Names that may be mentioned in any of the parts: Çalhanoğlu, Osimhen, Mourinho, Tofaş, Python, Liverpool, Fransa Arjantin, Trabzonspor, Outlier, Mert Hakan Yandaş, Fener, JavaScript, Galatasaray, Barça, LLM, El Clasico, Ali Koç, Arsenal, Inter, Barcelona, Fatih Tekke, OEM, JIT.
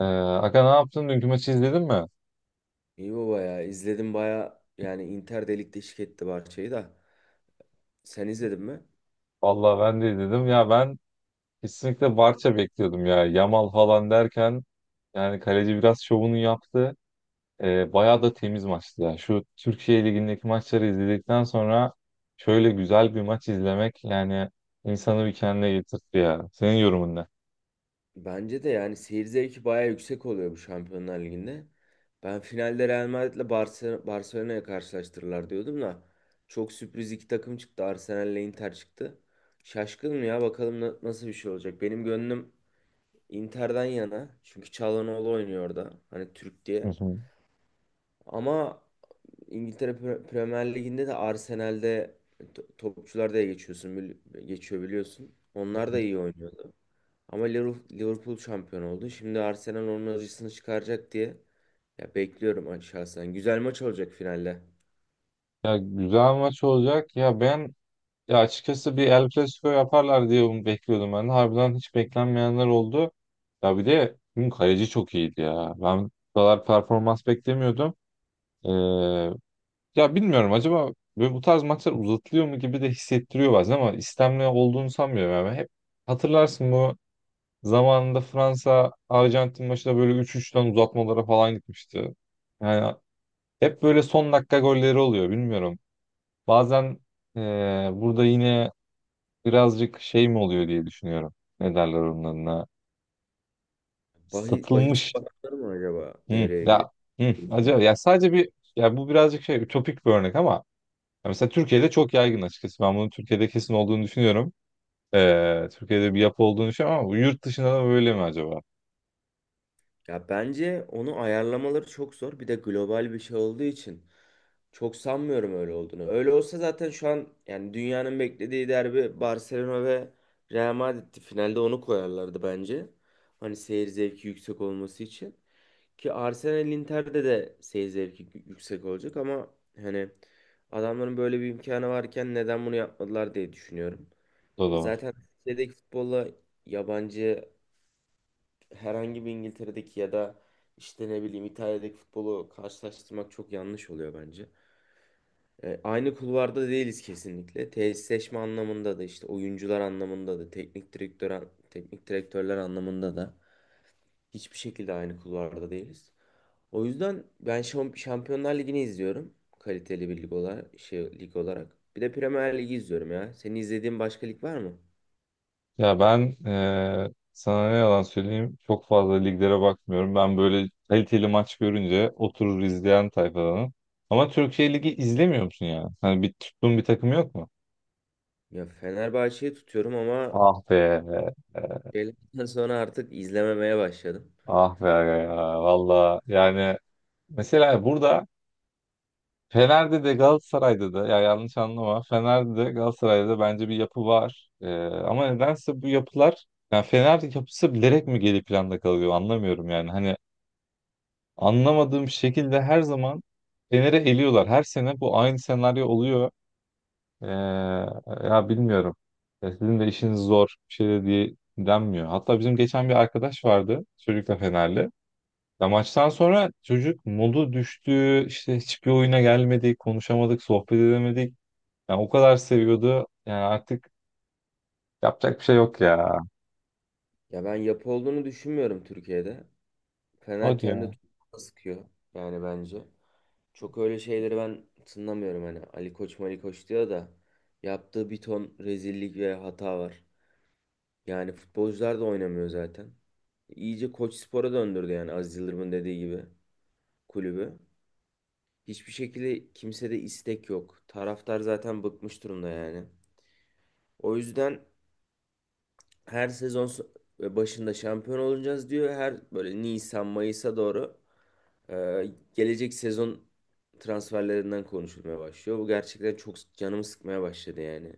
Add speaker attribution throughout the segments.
Speaker 1: Aga, ne yaptın? Dünkü maçı izledin mi?
Speaker 2: İyi baba ya. İzledim baya yani Inter de ligde şık etti Barça'yı da. Sen izledin mi?
Speaker 1: Vallahi ben de izledim. Ya ben kesinlikle Barça bekliyordum ya. Yamal falan derken yani kaleci biraz şovunu yaptı. Bayağı da temiz maçtı ya. Şu Türkiye Ligi'ndeki maçları izledikten sonra şöyle güzel bir maç izlemek yani insanı bir kendine getirtti ya. Senin yorumun ne?
Speaker 2: Bence de yani seyir zevki baya yüksek oluyor bu Şampiyonlar Ligi'nde. Ben finalde Real Madrid'le Barcelona'ya karşılaştırırlar diyordum da. Çok sürpriz iki takım çıktı. Arsenal'le Inter çıktı. Şaşkınım ya bakalım nasıl bir şey olacak. Benim gönlüm Inter'den yana. Çünkü Çalhanoğlu oynuyor orada. Hani Türk
Speaker 1: Hı
Speaker 2: diye.
Speaker 1: hı.
Speaker 2: Ama İngiltere Premier Ligi'nde de Arsenal'de topçular da geçiyor biliyorsun. Onlar da iyi oynuyordu. Ama Liverpool şampiyon oldu. Şimdi Arsenal onun acısını çıkaracak diye ya bekliyorum şahsen. Güzel maç olacak finalde.
Speaker 1: Ya güzel maç olacak. Ya ben Ya açıkçası bir El Clasico yaparlar diye bunu bekliyordum ben de. Harbiden hiç beklenmeyenler oldu. Ya bir de bugün kaleci çok iyiydi ya. Ben bu kadar performans beklemiyordum. Ee, Ya bilmiyorum, acaba böyle bu tarz maçlar uzatılıyor mu gibi de hissettiriyor bazen ama istemli olduğunu sanmıyorum. Yani hep hatırlarsın bu zamanında Fransa Arjantin maçında böyle 3-3'ten uzatmalara falan gitmişti. Yani hep böyle son dakika golleri oluyor, bilmiyorum. Bazen burada yine birazcık şey mi oluyor diye düşünüyorum. Ne derler onlarına?
Speaker 2: Bahis
Speaker 1: Satılmış.
Speaker 2: bakanları mı acaba
Speaker 1: Hı,
Speaker 2: devreye giriyor?
Speaker 1: ya hı, acaba ya sadece bir, ya bu birazcık şey, ütopik bir örnek ama ya mesela Türkiye'de çok yaygın açıkçası. Ben bunun Türkiye'de kesin olduğunu düşünüyorum. Türkiye'de bir yapı olduğunu düşünüyorum ama bu yurt dışında da böyle mi acaba?
Speaker 2: Ya bence onu ayarlamaları çok zor. Bir de global bir şey olduğu için çok sanmıyorum öyle olduğunu. Öyle olsa zaten şu an yani dünyanın beklediği derbi Barcelona ve Real Madrid'ti. Finalde onu koyarlardı bence. Hani seyir zevki yüksek olması için. Ki Arsenal Inter'de de seyir zevki yüksek olacak ama hani adamların böyle bir imkanı varken neden bunu yapmadılar diye düşünüyorum.
Speaker 1: O
Speaker 2: E,
Speaker 1: da var.
Speaker 2: zaten Türkiye'deki futbolla yabancı herhangi bir İngiltere'deki ya da işte ne bileyim İtalya'daki futbolu karşılaştırmak çok yanlış oluyor bence. E, aynı kulvarda değiliz kesinlikle. Tesisleşme anlamında da işte oyuncular anlamında da teknik direktör teknik direktörler anlamında da hiçbir şekilde aynı kulvarda değiliz. O yüzden ben Şampiyonlar Ligi'ni izliyorum. Kaliteli bir lig olarak, lig olarak. Bir de Premier Ligi izliyorum ya. Senin izlediğin başka lig var mı?
Speaker 1: Ya ben sana ne yalan söyleyeyim, çok fazla liglere bakmıyorum. Ben böyle kaliteli maç görünce oturur izleyen tayfadanım. Ama Türkiye Ligi izlemiyor musun yani? Hani bir tuttuğun bir takım yok mu?
Speaker 2: Ya Fenerbahçe'yi tutuyorum ama
Speaker 1: Ah be,
Speaker 2: şeylerden sonra artık izlememeye başladım.
Speaker 1: ah be aga ya. Valla yani mesela burada Fener'de de Galatasaray'da da, ya yanlış anlama, Fener'de de Galatasaray'da da bence bir yapı var. Ama nedense bu yapılar, yani Fener yapısı bilerek mi geri planda kalıyor, anlamıyorum yani. Hani anlamadığım şekilde her zaman Fener'e eliyorlar. Her sene bu aynı senaryo oluyor. Ee, Ya bilmiyorum. Ya sizin de işiniz zor bir şey de diye denmiyor. Hatta bizim geçen bir arkadaş vardı çocukla, Fenerli. Ya maçtan sonra çocuk modu düştü, işte hiçbir oyuna gelmedik, konuşamadık, sohbet edemedik. Yani o kadar seviyordu. Yani artık yapacak bir şey yok ya.
Speaker 2: Ya ben yapı olduğunu düşünmüyorum Türkiye'de. Fener
Speaker 1: Hadi
Speaker 2: kendi
Speaker 1: ya.
Speaker 2: topuğuna sıkıyor yani bence. Çok öyle şeyleri ben tınlamıyorum hani Ali Koç Mali Koç diyor da yaptığı bir ton rezillik ve hata var. Yani futbolcular da oynamıyor zaten. İyice Koç Spor'a döndürdü yani Aziz Yıldırım'ın dediği gibi kulübü. Hiçbir şekilde kimsede istek yok. Taraftar zaten bıkmış durumda yani. O yüzden her sezon başında şampiyon olacağız diyor. Her böyle Nisan Mayıs'a doğru Ee, gelecek sezon transferlerinden konuşulmaya başlıyor. Bu gerçekten çok canımı sıkmaya başladı yani.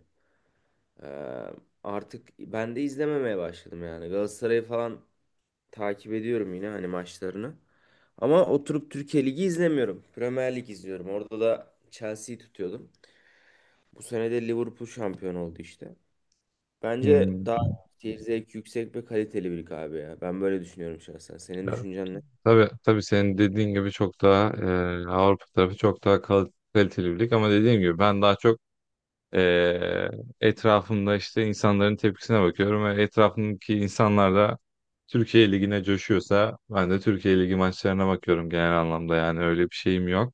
Speaker 2: Ee, artık ben de izlememeye başladım yani. Galatasaray'ı falan takip ediyorum yine hani maçlarını. Ama oturup Türkiye Ligi izlemiyorum. Premier Lig izliyorum. Orada da Chelsea'yi tutuyordum. Bu sene de Liverpool şampiyon oldu işte. Bence
Speaker 1: Hmm.
Speaker 2: daha seyir zevki yüksek ve kaliteli bir lig abi ya. Ben böyle düşünüyorum şahsen. Senin
Speaker 1: Ya,
Speaker 2: düşüncen ne?
Speaker 1: tabii, tabii, senin dediğin gibi çok daha Avrupa tarafı çok daha kaliteli bir lig, ama dediğim gibi ben daha çok e, etrafımda işte insanların tepkisine bakıyorum ve etrafımdaki insanlar da Türkiye Ligi'ne coşuyorsa ben de Türkiye Ligi maçlarına bakıyorum genel anlamda, yani öyle bir şeyim yok.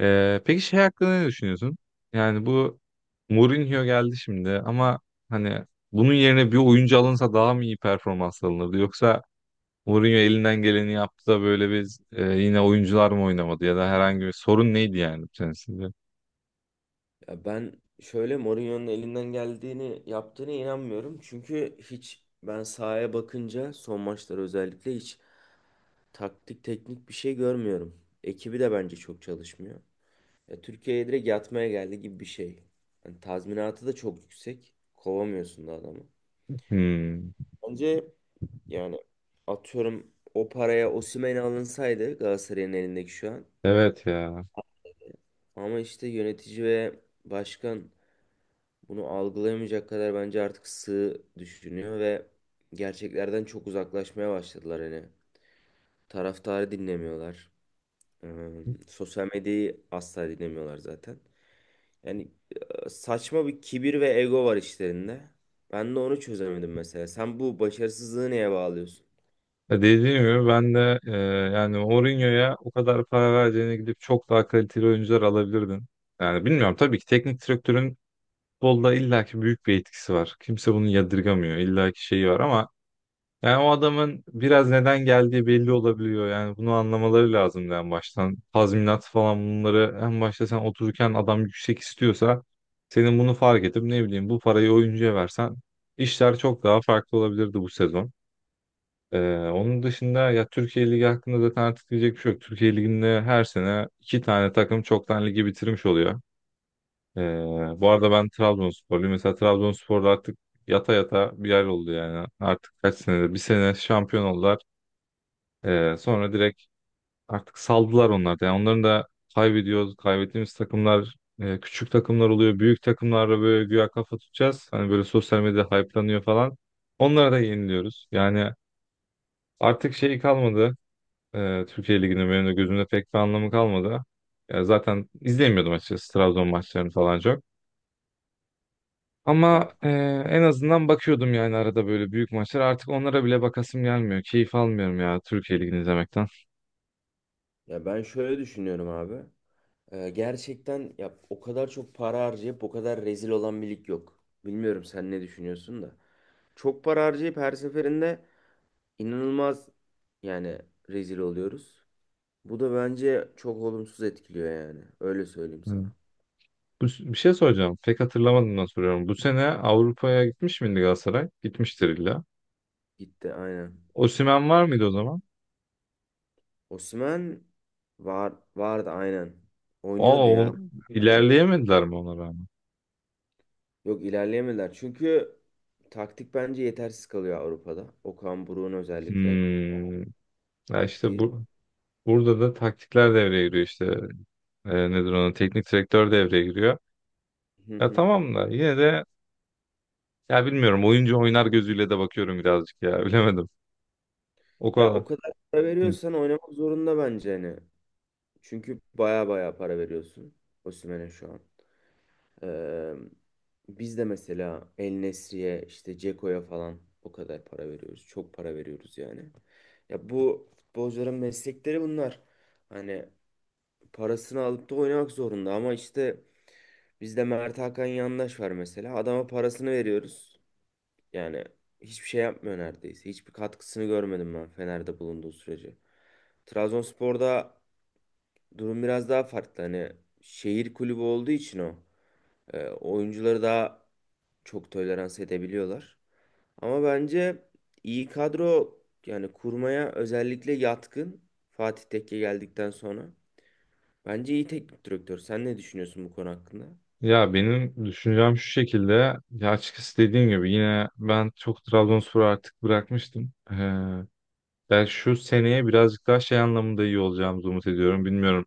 Speaker 1: Peki şey hakkında ne düşünüyorsun? Yani bu Mourinho geldi şimdi ama hani bunun yerine bir oyuncu alınsa daha mı iyi performans alınırdı? Yoksa Mourinho elinden geleni yaptı da böyle biz yine oyuncular mı oynamadı ya da herhangi bir sorun neydi yani senin sizce?
Speaker 2: Ya ben şöyle Mourinho'nun elinden geldiğini yaptığına inanmıyorum. Çünkü hiç ben sahaya bakınca son maçlar özellikle hiç taktik teknik bir şey görmüyorum. Ekibi de bence çok çalışmıyor. Ya Türkiye'ye direkt yatmaya geldi gibi bir şey. Yani tazminatı da çok yüksek. Kovamıyorsun da adamı.
Speaker 1: Hmm,
Speaker 2: Bence yani atıyorum o paraya Osimhen alınsaydı Galatasaray'ın elindeki şu an.
Speaker 1: evet ya.
Speaker 2: Ama işte yönetici ve başkan bunu algılayamayacak kadar bence artık sığ düşünüyor ve gerçeklerden çok uzaklaşmaya başladılar hani. Taraftarı dinlemiyorlar. Ee, sosyal medyayı asla dinlemiyorlar zaten. Yani saçma bir kibir ve ego var işlerinde. Ben de onu çözemedim mesela. Sen bu başarısızlığı neye bağlıyorsun?
Speaker 1: Ya dediğim gibi ben de yani Mourinho'ya o kadar para vereceğine gidip çok daha kaliteli oyuncular alabilirdin. Yani bilmiyorum, tabii ki teknik direktörün futbolda illaki büyük bir etkisi var. Kimse bunu yadırgamıyor. İllaki şeyi var ama yani o adamın biraz neden geldiği belli olabiliyor. Yani bunu anlamaları lazım en baştan. Tazminat falan, bunları en başta sen otururken adam yüksek istiyorsa senin bunu fark edip, ne bileyim, bu parayı oyuncuya versen işler çok daha farklı olabilirdi bu sezon. Onun dışında ya Türkiye Ligi hakkında zaten artık diyecek bir şey yok. Türkiye Ligi'nde her sene iki tane takım çoktan ligi bitirmiş oluyor. Ee, Bu arada ben Trabzonsporluyum. Mesela Trabzonspor'da artık yata yata bir yer oldu yani. Artık kaç senede? Bir sene şampiyon oldular. Sonra direkt artık saldılar onlar da. Yani onların da kaybediyoruz. Kaybettiğimiz takımlar küçük takımlar oluyor. Büyük takımlarla böyle güya kafa tutacağız. Hani böyle sosyal medya hype'lanıyor falan. Onlara da yeniliyoruz. Yani artık şey kalmadı. Türkiye Ligi'nin benim de gözümde pek bir anlamı kalmadı. Ya zaten izlemiyordum açıkçası Trabzon maçlarını falan çok. Ama
Speaker 2: Ya,
Speaker 1: en azından bakıyordum yani arada böyle büyük maçlar. Artık onlara bile bakasım gelmiyor. Keyif almıyorum ya Türkiye Ligi'ni izlemekten.
Speaker 2: ya ben şöyle düşünüyorum abi. Gerçekten ya o kadar çok para harcayıp o kadar rezil olan bir lig yok. Bilmiyorum sen ne düşünüyorsun da. Çok para harcayıp her seferinde inanılmaz yani rezil oluyoruz. Bu da bence çok olumsuz etkiliyor yani. Öyle söyleyeyim
Speaker 1: Evet.
Speaker 2: sana.
Speaker 1: Bu, bir şey soracağım. Pek hatırlamadığımdan soruyorum. Bu sene Avrupa'ya gitmiş miydi Galatasaray? Gitmiştir illa.
Speaker 2: Gitti aynen.
Speaker 1: Osimhen var mıydı o zaman?
Speaker 2: Osimhen vardı aynen.
Speaker 1: Aa,
Speaker 2: Oynuyordu ya
Speaker 1: o,
Speaker 2: aynen.
Speaker 1: ilerleyemediler mi ona rağmen?
Speaker 2: Yok ilerleyemediler. Çünkü taktik bence yetersiz kalıyor Avrupa'da. Okan Buruk'un özellikle
Speaker 1: Hmm. Ya işte
Speaker 2: taktiği.
Speaker 1: bu, burada da taktikler devreye giriyor işte. Nedir ona? Teknik direktör devreye giriyor.
Speaker 2: Hı
Speaker 1: Ya
Speaker 2: hı.
Speaker 1: tamam da yine de ya bilmiyorum. Oyuncu oynar gözüyle de bakıyorum birazcık ya. Bilemedim. O
Speaker 2: Ya
Speaker 1: kadar.
Speaker 2: o kadar para
Speaker 1: Hı.
Speaker 2: veriyorsan oynamak zorunda bence hani. Çünkü baya baya para veriyorsun Osimhen'e şu an. Ee, biz de mesela El Nesri'ye işte Ceko'ya falan o kadar para veriyoruz. Çok para veriyoruz yani. Ya bu futbolcuların meslekleri bunlar. Hani parasını alıp da oynamak zorunda ama işte bizde Mert Hakan Yandaş var mesela. Adama parasını veriyoruz. Yani hiçbir şey yapmıyor neredeyse. Hiçbir katkısını görmedim ben Fener'de bulunduğu sürece. Trabzonspor'da durum biraz daha farklı. Hani şehir kulübü olduğu için o. E, oyuncuları daha çok tolerans edebiliyorlar. Ama bence iyi kadro yani kurmaya özellikle yatkın Fatih Tekke geldikten sonra. Bence iyi teknik direktör. Sen ne düşünüyorsun bu konu hakkında?
Speaker 1: Ya benim düşüncem şu şekilde. Ya açıkçası dediğim gibi yine ben çok Trabzonspor artık bırakmıştım. Ben şu seneye birazcık daha şey anlamında iyi olacağımızı umut ediyorum. Bilmiyorum.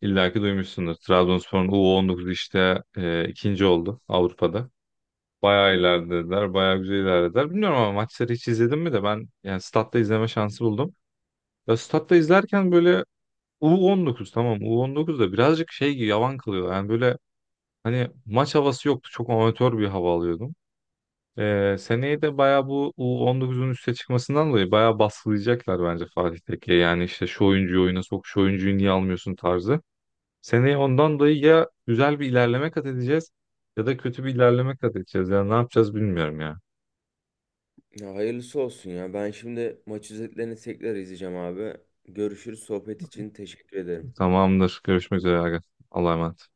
Speaker 1: İlla ki duymuşsundur. Trabzonspor'un U19 işte ikinci oldu Avrupa'da. Bayağı
Speaker 2: Hı hı.
Speaker 1: ilerlediler. Bayağı güzel ilerlediler. Bilmiyorum ama maçları hiç izledim mi de ben, yani statta izleme şansı buldum. Ya statta izlerken böyle U19, tamam U19 da birazcık şey gibi yavan kalıyor. Yani böyle hani maç havası yoktu. Çok amatör bir hava alıyordum. Seneye de bayağı bu U19'un üste çıkmasından dolayı bayağı baskılayacaklar bence Fatih Tekke. Yani işte şu oyuncuyu oyuna sok, şu oyuncuyu niye almıyorsun tarzı. Seneye ondan dolayı ya güzel bir ilerleme kat edeceğiz ya da kötü bir ilerleme kat edeceğiz. Yani ne yapacağız bilmiyorum ya.
Speaker 2: Ya hayırlısı olsun ya. Ben şimdi maç özetlerini tekrar izleyeceğim abi. Görüşürüz. Sohbet için teşekkür ederim.
Speaker 1: Tamamdır. Görüşmek üzere, Aga. Allah'a emanet.